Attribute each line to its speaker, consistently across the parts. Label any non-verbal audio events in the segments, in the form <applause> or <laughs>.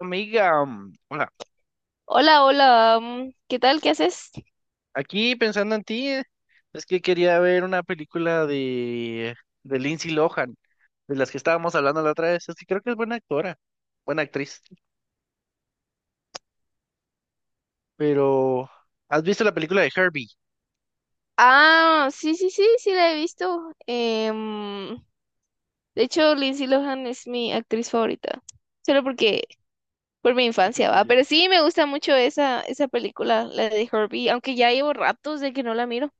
Speaker 1: Amiga, hola.
Speaker 2: Hola, hola, ¿qué tal? ¿Qué haces?
Speaker 1: Aquí pensando en ti, es que quería ver una película de Lindsay Lohan, de las que estábamos hablando la otra vez. Es que creo que es buena actora, buena actriz. Pero, ¿has visto la película de Herbie?
Speaker 2: Ah, sí, sí, sí, sí la he visto. De hecho, Lindsay Lohan es mi actriz favorita, solo porque por mi
Speaker 1: <laughs>
Speaker 2: infancia va,
Speaker 1: Porque-
Speaker 2: pero sí me gusta mucho esa película, la de Herbie, aunque ya llevo ratos de que no la miro.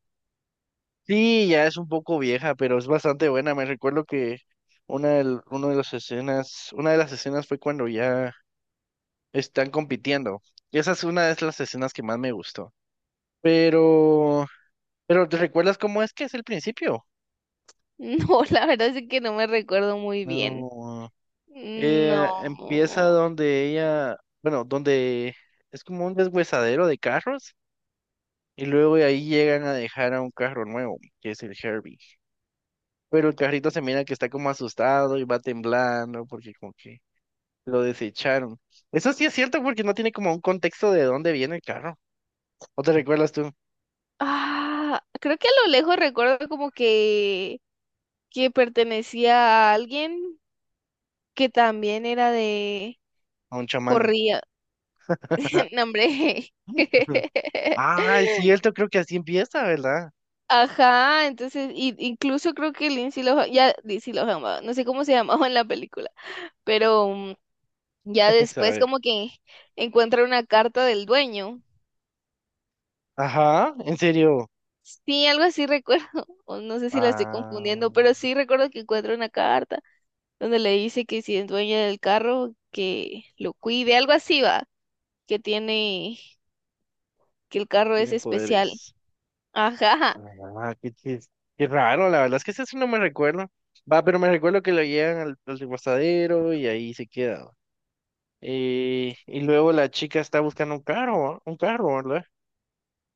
Speaker 1: Sí, ya es un poco vieja, pero es bastante buena. Me recuerdo que una de las escenas fue cuando ya están compitiendo. Y esa es una de las escenas que más me gustó. Pero, pero ¿te recuerdas cómo es que es el principio?
Speaker 2: <laughs> No, la verdad es que no me recuerdo muy bien.
Speaker 1: No. Empieza
Speaker 2: No.
Speaker 1: donde donde es como un deshuesadero de carros y luego de ahí llegan a dejar a un carro nuevo, que es el Herbie. Pero el carrito se mira que está como asustado y va temblando porque como que lo desecharon. Eso sí es cierto porque no tiene como un contexto de dónde viene el carro. ¿O te recuerdas tú?
Speaker 2: Ah, creo que a lo lejos recuerdo que pertenecía a alguien que también era de...
Speaker 1: A un chamán.
Speaker 2: Corría. <laughs> No,
Speaker 1: <laughs>
Speaker 2: hombre. <laughs>
Speaker 1: Ah, es cierto, creo que así empieza, ¿verdad?
Speaker 2: Ajá, incluso creo que Lindsay Lohan, va, no sé cómo se <laughs> llamaba en la película, pero
Speaker 1: <laughs>
Speaker 2: ya
Speaker 1: A
Speaker 2: después
Speaker 1: ver.
Speaker 2: como que encuentra una carta del dueño.
Speaker 1: Ajá, en serio.
Speaker 2: Sí, algo así recuerdo, <laughs> o no sé si la estoy
Speaker 1: Ah,
Speaker 2: confundiendo, pero sí recuerdo que encuentra una carta donde le dice que si es dueña del carro, que lo cuide, algo así va, que tiene, que el carro es
Speaker 1: tiene
Speaker 2: especial.
Speaker 1: poderes.
Speaker 2: Ajá.
Speaker 1: Ah, qué raro, la verdad es que eso sí no me recuerdo. Va, pero me recuerdo que lo llevan al reposadero y ahí se queda. Y luego la chica está buscando un carro, ¿va? Un carro, ¿verdad?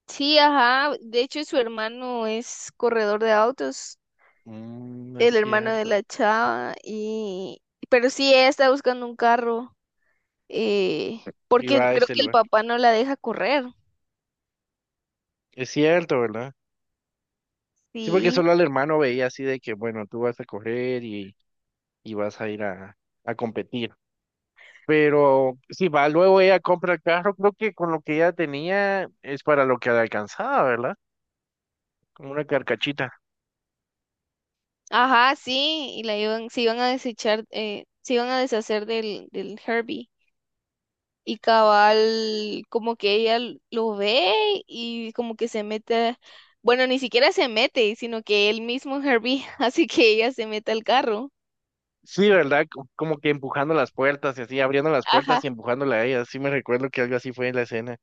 Speaker 2: Sí, ajá. De hecho, su hermano es corredor de autos,
Speaker 1: Mm, no es
Speaker 2: el hermano de
Speaker 1: cierto.
Speaker 2: la chava, y pero sí ella está buscando un carro, eh,
Speaker 1: Y
Speaker 2: porque
Speaker 1: va a
Speaker 2: creo
Speaker 1: este
Speaker 2: que el
Speaker 1: lugar.
Speaker 2: papá no la deja correr.
Speaker 1: Es cierto, ¿verdad? Sí, porque
Speaker 2: Sí,
Speaker 1: solo al hermano veía así de que, bueno, tú vas a correr y vas a ir a competir. Pero sí, va, luego ella compra el carro, creo que con lo que ella tenía es para lo que le alcanzaba, ¿verdad? Como una carcachita.
Speaker 2: ajá, sí, y se iban a desechar, se iban a deshacer del Herbie. Y cabal, como que lo ve y como que se mete, bueno, ni siquiera se mete, sino que él mismo Herbie <laughs> hace que ella se meta al carro.
Speaker 1: Sí, ¿verdad? Como que empujando las puertas y así, abriendo las puertas
Speaker 2: Ajá.
Speaker 1: y empujándola a ella. Sí me recuerdo que algo así fue en la escena.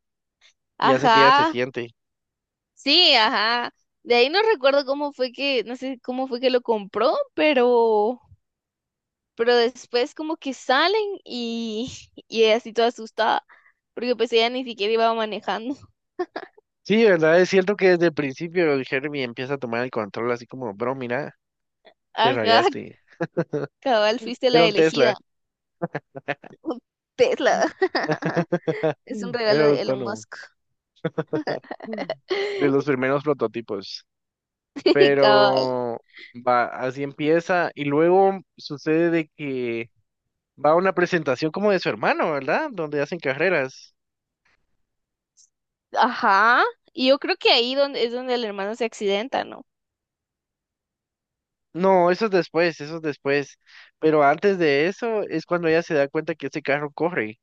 Speaker 1: Y hace que ella se
Speaker 2: Ajá,
Speaker 1: siente.
Speaker 2: sí, ajá. De ahí no recuerdo cómo fue que, no sé cómo fue que lo compró, pero después como que salen y, <laughs> y ella así toda asustada, porque pues ella ni siquiera iba manejando. <laughs>
Speaker 1: Sí, ¿verdad? Es cierto que desde el principio el Herbie empieza a tomar el control así como, bro, mira, te
Speaker 2: Ajá,
Speaker 1: rayaste.
Speaker 2: cabal, fuiste
Speaker 1: Era
Speaker 2: la
Speaker 1: un
Speaker 2: elegida.
Speaker 1: Tesla.
Speaker 2: Un Tesla.
Speaker 1: <laughs>
Speaker 2: <laughs> Es un regalo
Speaker 1: Era
Speaker 2: de Elon
Speaker 1: autónomo.
Speaker 2: Musk.
Speaker 1: De los
Speaker 2: <laughs>
Speaker 1: primeros prototipos.
Speaker 2: Cabal.
Speaker 1: Pero va, así empieza. Y luego sucede de que va a una presentación como de su hermano, ¿verdad? Donde hacen carreras.
Speaker 2: Ajá. Y yo creo que es donde el hermano se accidenta, ¿no?
Speaker 1: No, eso es después, eso es después. Pero antes de eso es cuando ella se da cuenta que ese carro corre.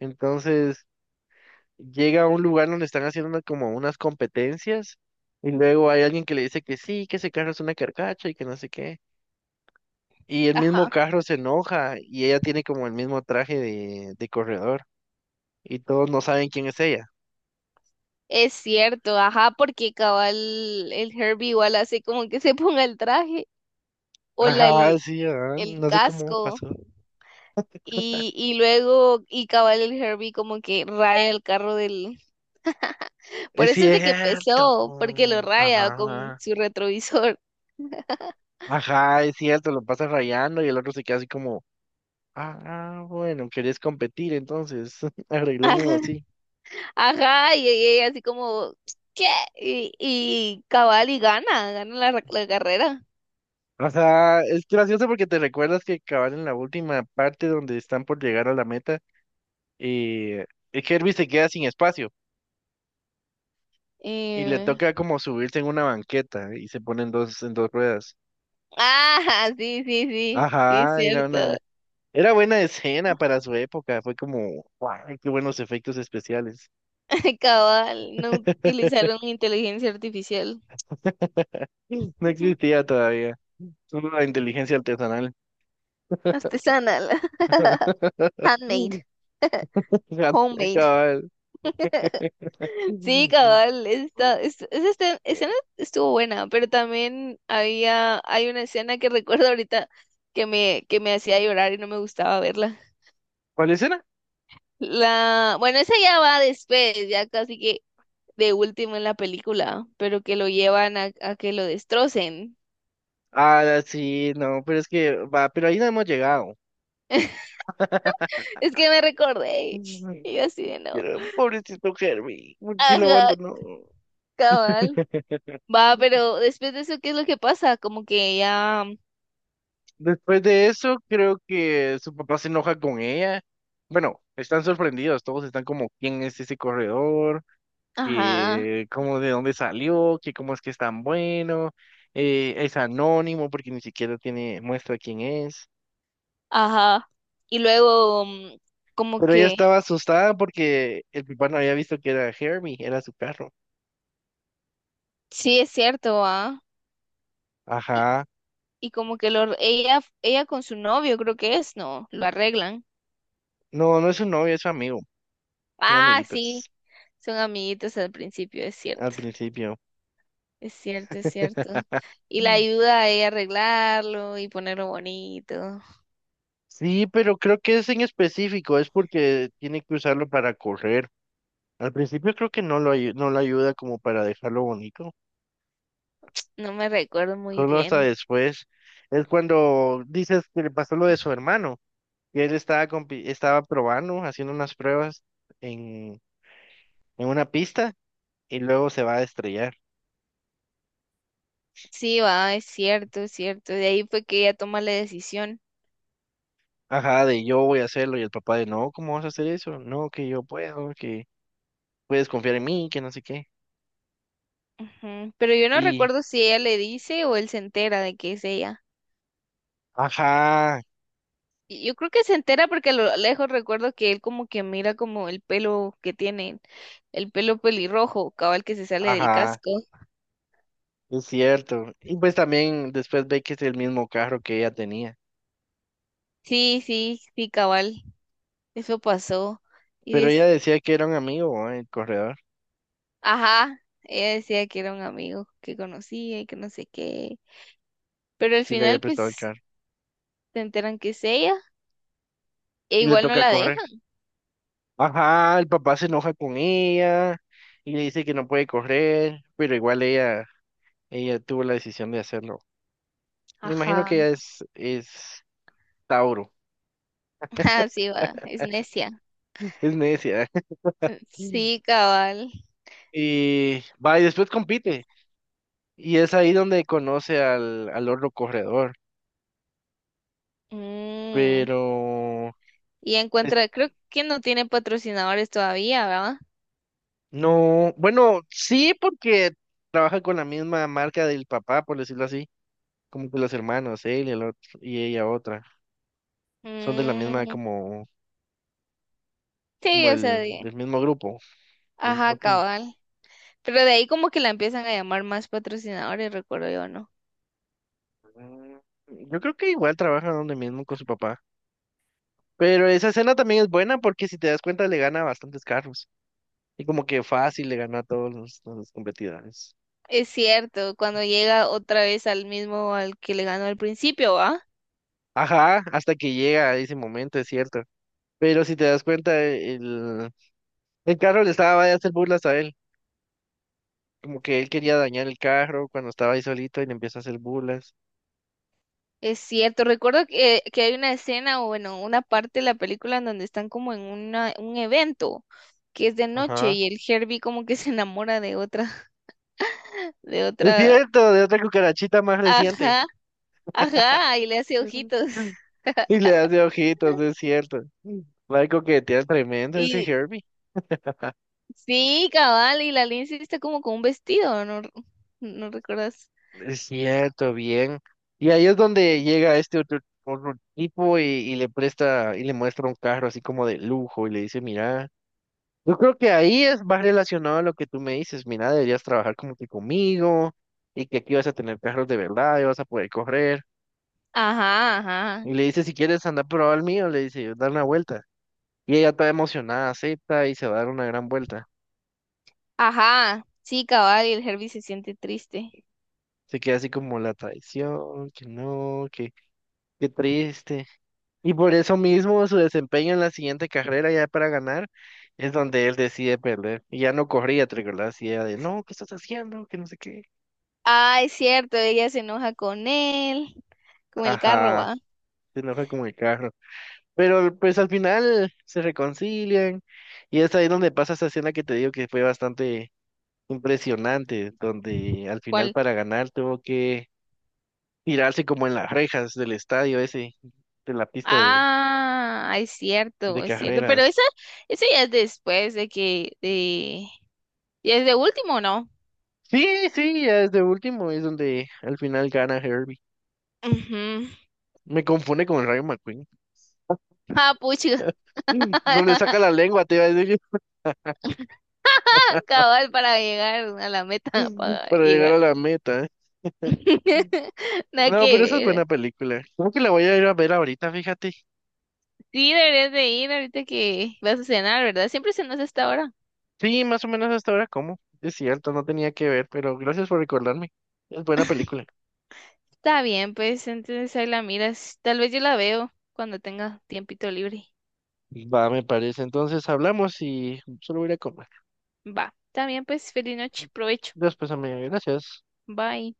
Speaker 1: Entonces llega a un lugar donde están haciendo como unas competencias y luego hay alguien que le dice que sí, que ese carro es una carcacha y que no sé qué. Y el mismo
Speaker 2: Ajá.
Speaker 1: carro se enoja y ella tiene como el mismo traje de corredor y todos no saben quién es ella.
Speaker 2: Es cierto, ajá, porque cabal el Herbie igual hace como que se <laughs> ponga el traje o la, el,
Speaker 1: Ajá, sí, ajá,
Speaker 2: el
Speaker 1: no sé cómo
Speaker 2: casco
Speaker 1: pasó.
Speaker 2: y luego y cabal el Herbie como que raya el carro del... Por
Speaker 1: Es
Speaker 2: eso es de que
Speaker 1: cierto.
Speaker 2: empezó, porque lo raya con
Speaker 1: Ajá.
Speaker 2: su retrovisor.
Speaker 1: Ajá, es cierto, lo pasa rayando y el otro se queda así como... Ah, bueno, querés competir, entonces <laughs>
Speaker 2: <laughs>
Speaker 1: arreglémoslo
Speaker 2: Ajá,
Speaker 1: así.
Speaker 2: ajá, y ella así como, ¿qué? Y cabal y gana la carrera.
Speaker 1: O sea, es gracioso porque te recuerdas que acabar en la última parte donde están por llegar a la meta y Herbie se queda sin espacio y le
Speaker 2: Eh,
Speaker 1: toca como subirse en una banqueta y se ponen dos en dos ruedas.
Speaker 2: ah, sí, sí, sí, sí, es
Speaker 1: Ajá,
Speaker 2: cierto.
Speaker 1: era buena escena para su época, fue como, guau, qué buenos efectos especiales.
Speaker 2: <laughs> Cabal, no
Speaker 1: <laughs>
Speaker 2: utilizaron inteligencia artificial.
Speaker 1: No
Speaker 2: <laughs>
Speaker 1: existía todavía, solo la inteligencia artesanal.
Speaker 2: Artesanal. <laughs> Handmade.
Speaker 1: <laughs>
Speaker 2: <laughs>
Speaker 1: <laughs> Gato,
Speaker 2: Homemade.
Speaker 1: cabal.
Speaker 2: <laughs> Sí, cabal, esa escena estuvo buena, pero también hay una escena que recuerdo ahorita que me hacía llorar y no me gustaba verla.
Speaker 1: ¿Cuál escena?
Speaker 2: La, bueno, esa ya va después, ya casi que de último en la película, pero que lo llevan a que lo destrocen.
Speaker 1: Ah, sí, no, pero es que va, pero ahí no hemos llegado. <laughs>
Speaker 2: <laughs> Es que me recordé. Y yo así de no.
Speaker 1: Pero pobrecito Herbie, ¿por qué lo
Speaker 2: Ajá,
Speaker 1: abandonó?
Speaker 2: cabal.
Speaker 1: <laughs>
Speaker 2: Va, pero después de eso, ¿qué es lo que pasa? Como que ya.
Speaker 1: Después de eso, creo que su papá se enoja con ella. Bueno, están sorprendidos, todos están como, ¿quién es ese corredor?
Speaker 2: Ajá,
Speaker 1: ¿Y cómo de dónde salió? ¿Qué cómo es que es tan bueno? Es anónimo porque ni siquiera tiene muestra quién es.
Speaker 2: ajá. Y luego, como
Speaker 1: Pero ella
Speaker 2: que.
Speaker 1: estaba asustada porque el papá no había visto que era Hermie, era su perro.
Speaker 2: Sí, es cierto, ¿ah? Y,
Speaker 1: Ajá.
Speaker 2: y como que lo, ella con su novio, creo que es, ¿no? Lo arreglan.
Speaker 1: No, no es su novio, es su amigo. Son
Speaker 2: Ah, sí.
Speaker 1: amiguitos
Speaker 2: Son amiguitos al principio, es
Speaker 1: al
Speaker 2: cierto.
Speaker 1: principio.
Speaker 2: Es cierto, es cierto. Y la
Speaker 1: Mm.
Speaker 2: ayuda a ella a arreglarlo y ponerlo bonito.
Speaker 1: Sí, pero creo que es en específico, es porque tiene que usarlo para correr. Al principio creo que no lo, no lo ayuda como para dejarlo bonito,
Speaker 2: No me recuerdo muy
Speaker 1: solo hasta
Speaker 2: bien.
Speaker 1: después. Es cuando dices que le pasó lo de su hermano, que él estaba, estaba probando, haciendo unas pruebas en, en una pista y luego se va a estrellar.
Speaker 2: Sí, va, es cierto, es cierto. De ahí fue que ella toma la decisión.
Speaker 1: Ajá, de yo voy a hacerlo y el papá de no, ¿cómo vas a hacer eso? No, que yo puedo, que puedes confiar en mí, que no sé qué.
Speaker 2: Ujú. Pero yo no
Speaker 1: Y,
Speaker 2: recuerdo si ella le dice o él se entera de que es ella.
Speaker 1: ajá,
Speaker 2: Y yo creo que se entera porque a lo lejos recuerdo que él como que mira como el pelo que tiene, el pelo pelirrojo, cabal que se sale del
Speaker 1: ajá,
Speaker 2: casco.
Speaker 1: es cierto. Y pues también después ve que es el mismo carro que ella tenía.
Speaker 2: Sí, sí, sí, cabal. Eso pasó. Y
Speaker 1: Pero ella
Speaker 2: des...
Speaker 1: decía que era un amigo, ¿eh? El corredor,
Speaker 2: Ajá, ella decía que era un amigo que conocía y que no sé qué. Pero al
Speaker 1: y le había
Speaker 2: final
Speaker 1: prestado el
Speaker 2: pues
Speaker 1: carro.
Speaker 2: se enteran que es ella e
Speaker 1: Y le
Speaker 2: igual no
Speaker 1: toca
Speaker 2: la deja.
Speaker 1: correr. Ajá, el papá se enoja con ella y le dice que no puede correr, pero ella tuvo la decisión de hacerlo. Me imagino
Speaker 2: Ajá.
Speaker 1: que es Tauro,
Speaker 2: Así va, es necia.
Speaker 1: es necia.
Speaker 2: Sí,
Speaker 1: <laughs>
Speaker 2: cabal.
Speaker 1: Y va, y después compite. Y es ahí donde conoce al otro corredor.
Speaker 2: Mm,
Speaker 1: Pero
Speaker 2: Y
Speaker 1: es-
Speaker 2: encuentra, creo que no tiene patrocinadores todavía, ¿verdad?
Speaker 1: no, bueno, sí, porque trabaja con la misma marca del papá, por decirlo así. Como que los hermanos, él y el otro, y ella otra. Son de la misma,
Speaker 2: Mm, Sí,
Speaker 1: del mismo grupo, del mismo
Speaker 2: ajá,
Speaker 1: team.
Speaker 2: cabal. Pero de ahí como que la empiezan a llamar más patrocinadores, recuerdo yo, ¿no?
Speaker 1: Mm, yo creo que igual trabaja donde mismo con su papá. Pero esa escena también es buena porque si te das cuenta le gana a bastantes carros. Y como que fácil le gana a todos los competidores.
Speaker 2: Es cierto, cuando llega otra vez al mismo al que le ganó al principio, ¿va?
Speaker 1: Ajá, hasta que llega a ese momento, es cierto. Pero si te das cuenta, el carro le estaba a hacer burlas a él. Como que él quería dañar el carro cuando estaba ahí solito y le empieza a hacer burlas.
Speaker 2: Es cierto, recuerdo que hay una escena o bueno, una parte de la película en donde están como en un evento que es de noche
Speaker 1: Ajá.
Speaker 2: y el Herbie como que se enamora de
Speaker 1: Es
Speaker 2: otra,
Speaker 1: cierto, de otra cucarachita más reciente.
Speaker 2: ajá, ajá, y le hace ojitos.
Speaker 1: <laughs> Y le hace ojitos, es
Speaker 2: <laughs>
Speaker 1: cierto. Va, coquetea tremendo ese
Speaker 2: Y
Speaker 1: Herbie.
Speaker 2: sí, cabal, y la Lindsay está como con un vestido, ¿no? ¿No recuerdas?
Speaker 1: Es cierto, bien. Y ahí es donde llega este otro tipo y le presta y le muestra un carro así como de lujo y le dice, mira. Yo creo que ahí es más relacionado a lo que tú me dices. Mira, deberías trabajar como que conmigo y que aquí vas a tener carros de verdad y vas a poder correr.
Speaker 2: Ajá, ajá,
Speaker 1: Y le dice, si quieres andar a probar el mío, le dice, dar una vuelta. Y ella toda emocionada, acepta y se va a dar una gran vuelta.
Speaker 2: ajá, sí, cabal, y el Herbie se siente triste.
Speaker 1: Se queda así como la traición, que no, que qué triste. Y por eso mismo su desempeño en la siguiente carrera ya para ganar es donde él decide perder. Y ya no corría, ¿te recordás? Y ella de, no, ¿qué estás haciendo? Que no sé qué.
Speaker 2: Ah, es cierto, ella se enoja con él, con el carro,
Speaker 1: Ajá,
Speaker 2: ¿va?
Speaker 1: se enoja con el carro. Pero pues al final se reconcilian y es ahí donde pasa esa escena que te digo que fue bastante impresionante, donde al final
Speaker 2: ¿Cuál?
Speaker 1: para ganar tuvo que tirarse como en las rejas del estadio ese, de la pista
Speaker 2: Ah, es cierto,
Speaker 1: de carreras.
Speaker 2: esa ya es después ya es de último, ¿no?
Speaker 1: Sí, sí, ya es de último, es donde al final gana Herbie.
Speaker 2: Ujú.
Speaker 1: Me confunde con Rayo McQueen.
Speaker 2: Ah, pucha.
Speaker 1: Mm, donde saca
Speaker 2: <laughs>
Speaker 1: la lengua, te iba a decir,
Speaker 2: <laughs> Cabal para llegar a la meta, para
Speaker 1: <laughs> para llegar
Speaker 2: llegar.
Speaker 1: a la meta.
Speaker 2: <laughs> Nada
Speaker 1: No,
Speaker 2: que
Speaker 1: pero esa es
Speaker 2: ver.
Speaker 1: buena película. Creo que la voy a ir a ver ahorita, fíjate.
Speaker 2: Sí, deberías de ir ahorita que vas a cenar, ¿verdad? Siempre cenas a esta hora.
Speaker 1: Sí, más o menos hasta ahora como. Es cierto, no tenía que ver, pero gracias por recordarme. Es buena
Speaker 2: <laughs>
Speaker 1: película.
Speaker 2: Está bien, pues entonces ahí la miras. Tal vez yo la veo cuando tenga tiempito libre.
Speaker 1: Va, me parece. Entonces hablamos y solo voy a ir a comer.
Speaker 2: Va, está bien, pues feliz noche, provecho.
Speaker 1: Después, amiga, gracias.
Speaker 2: Bye.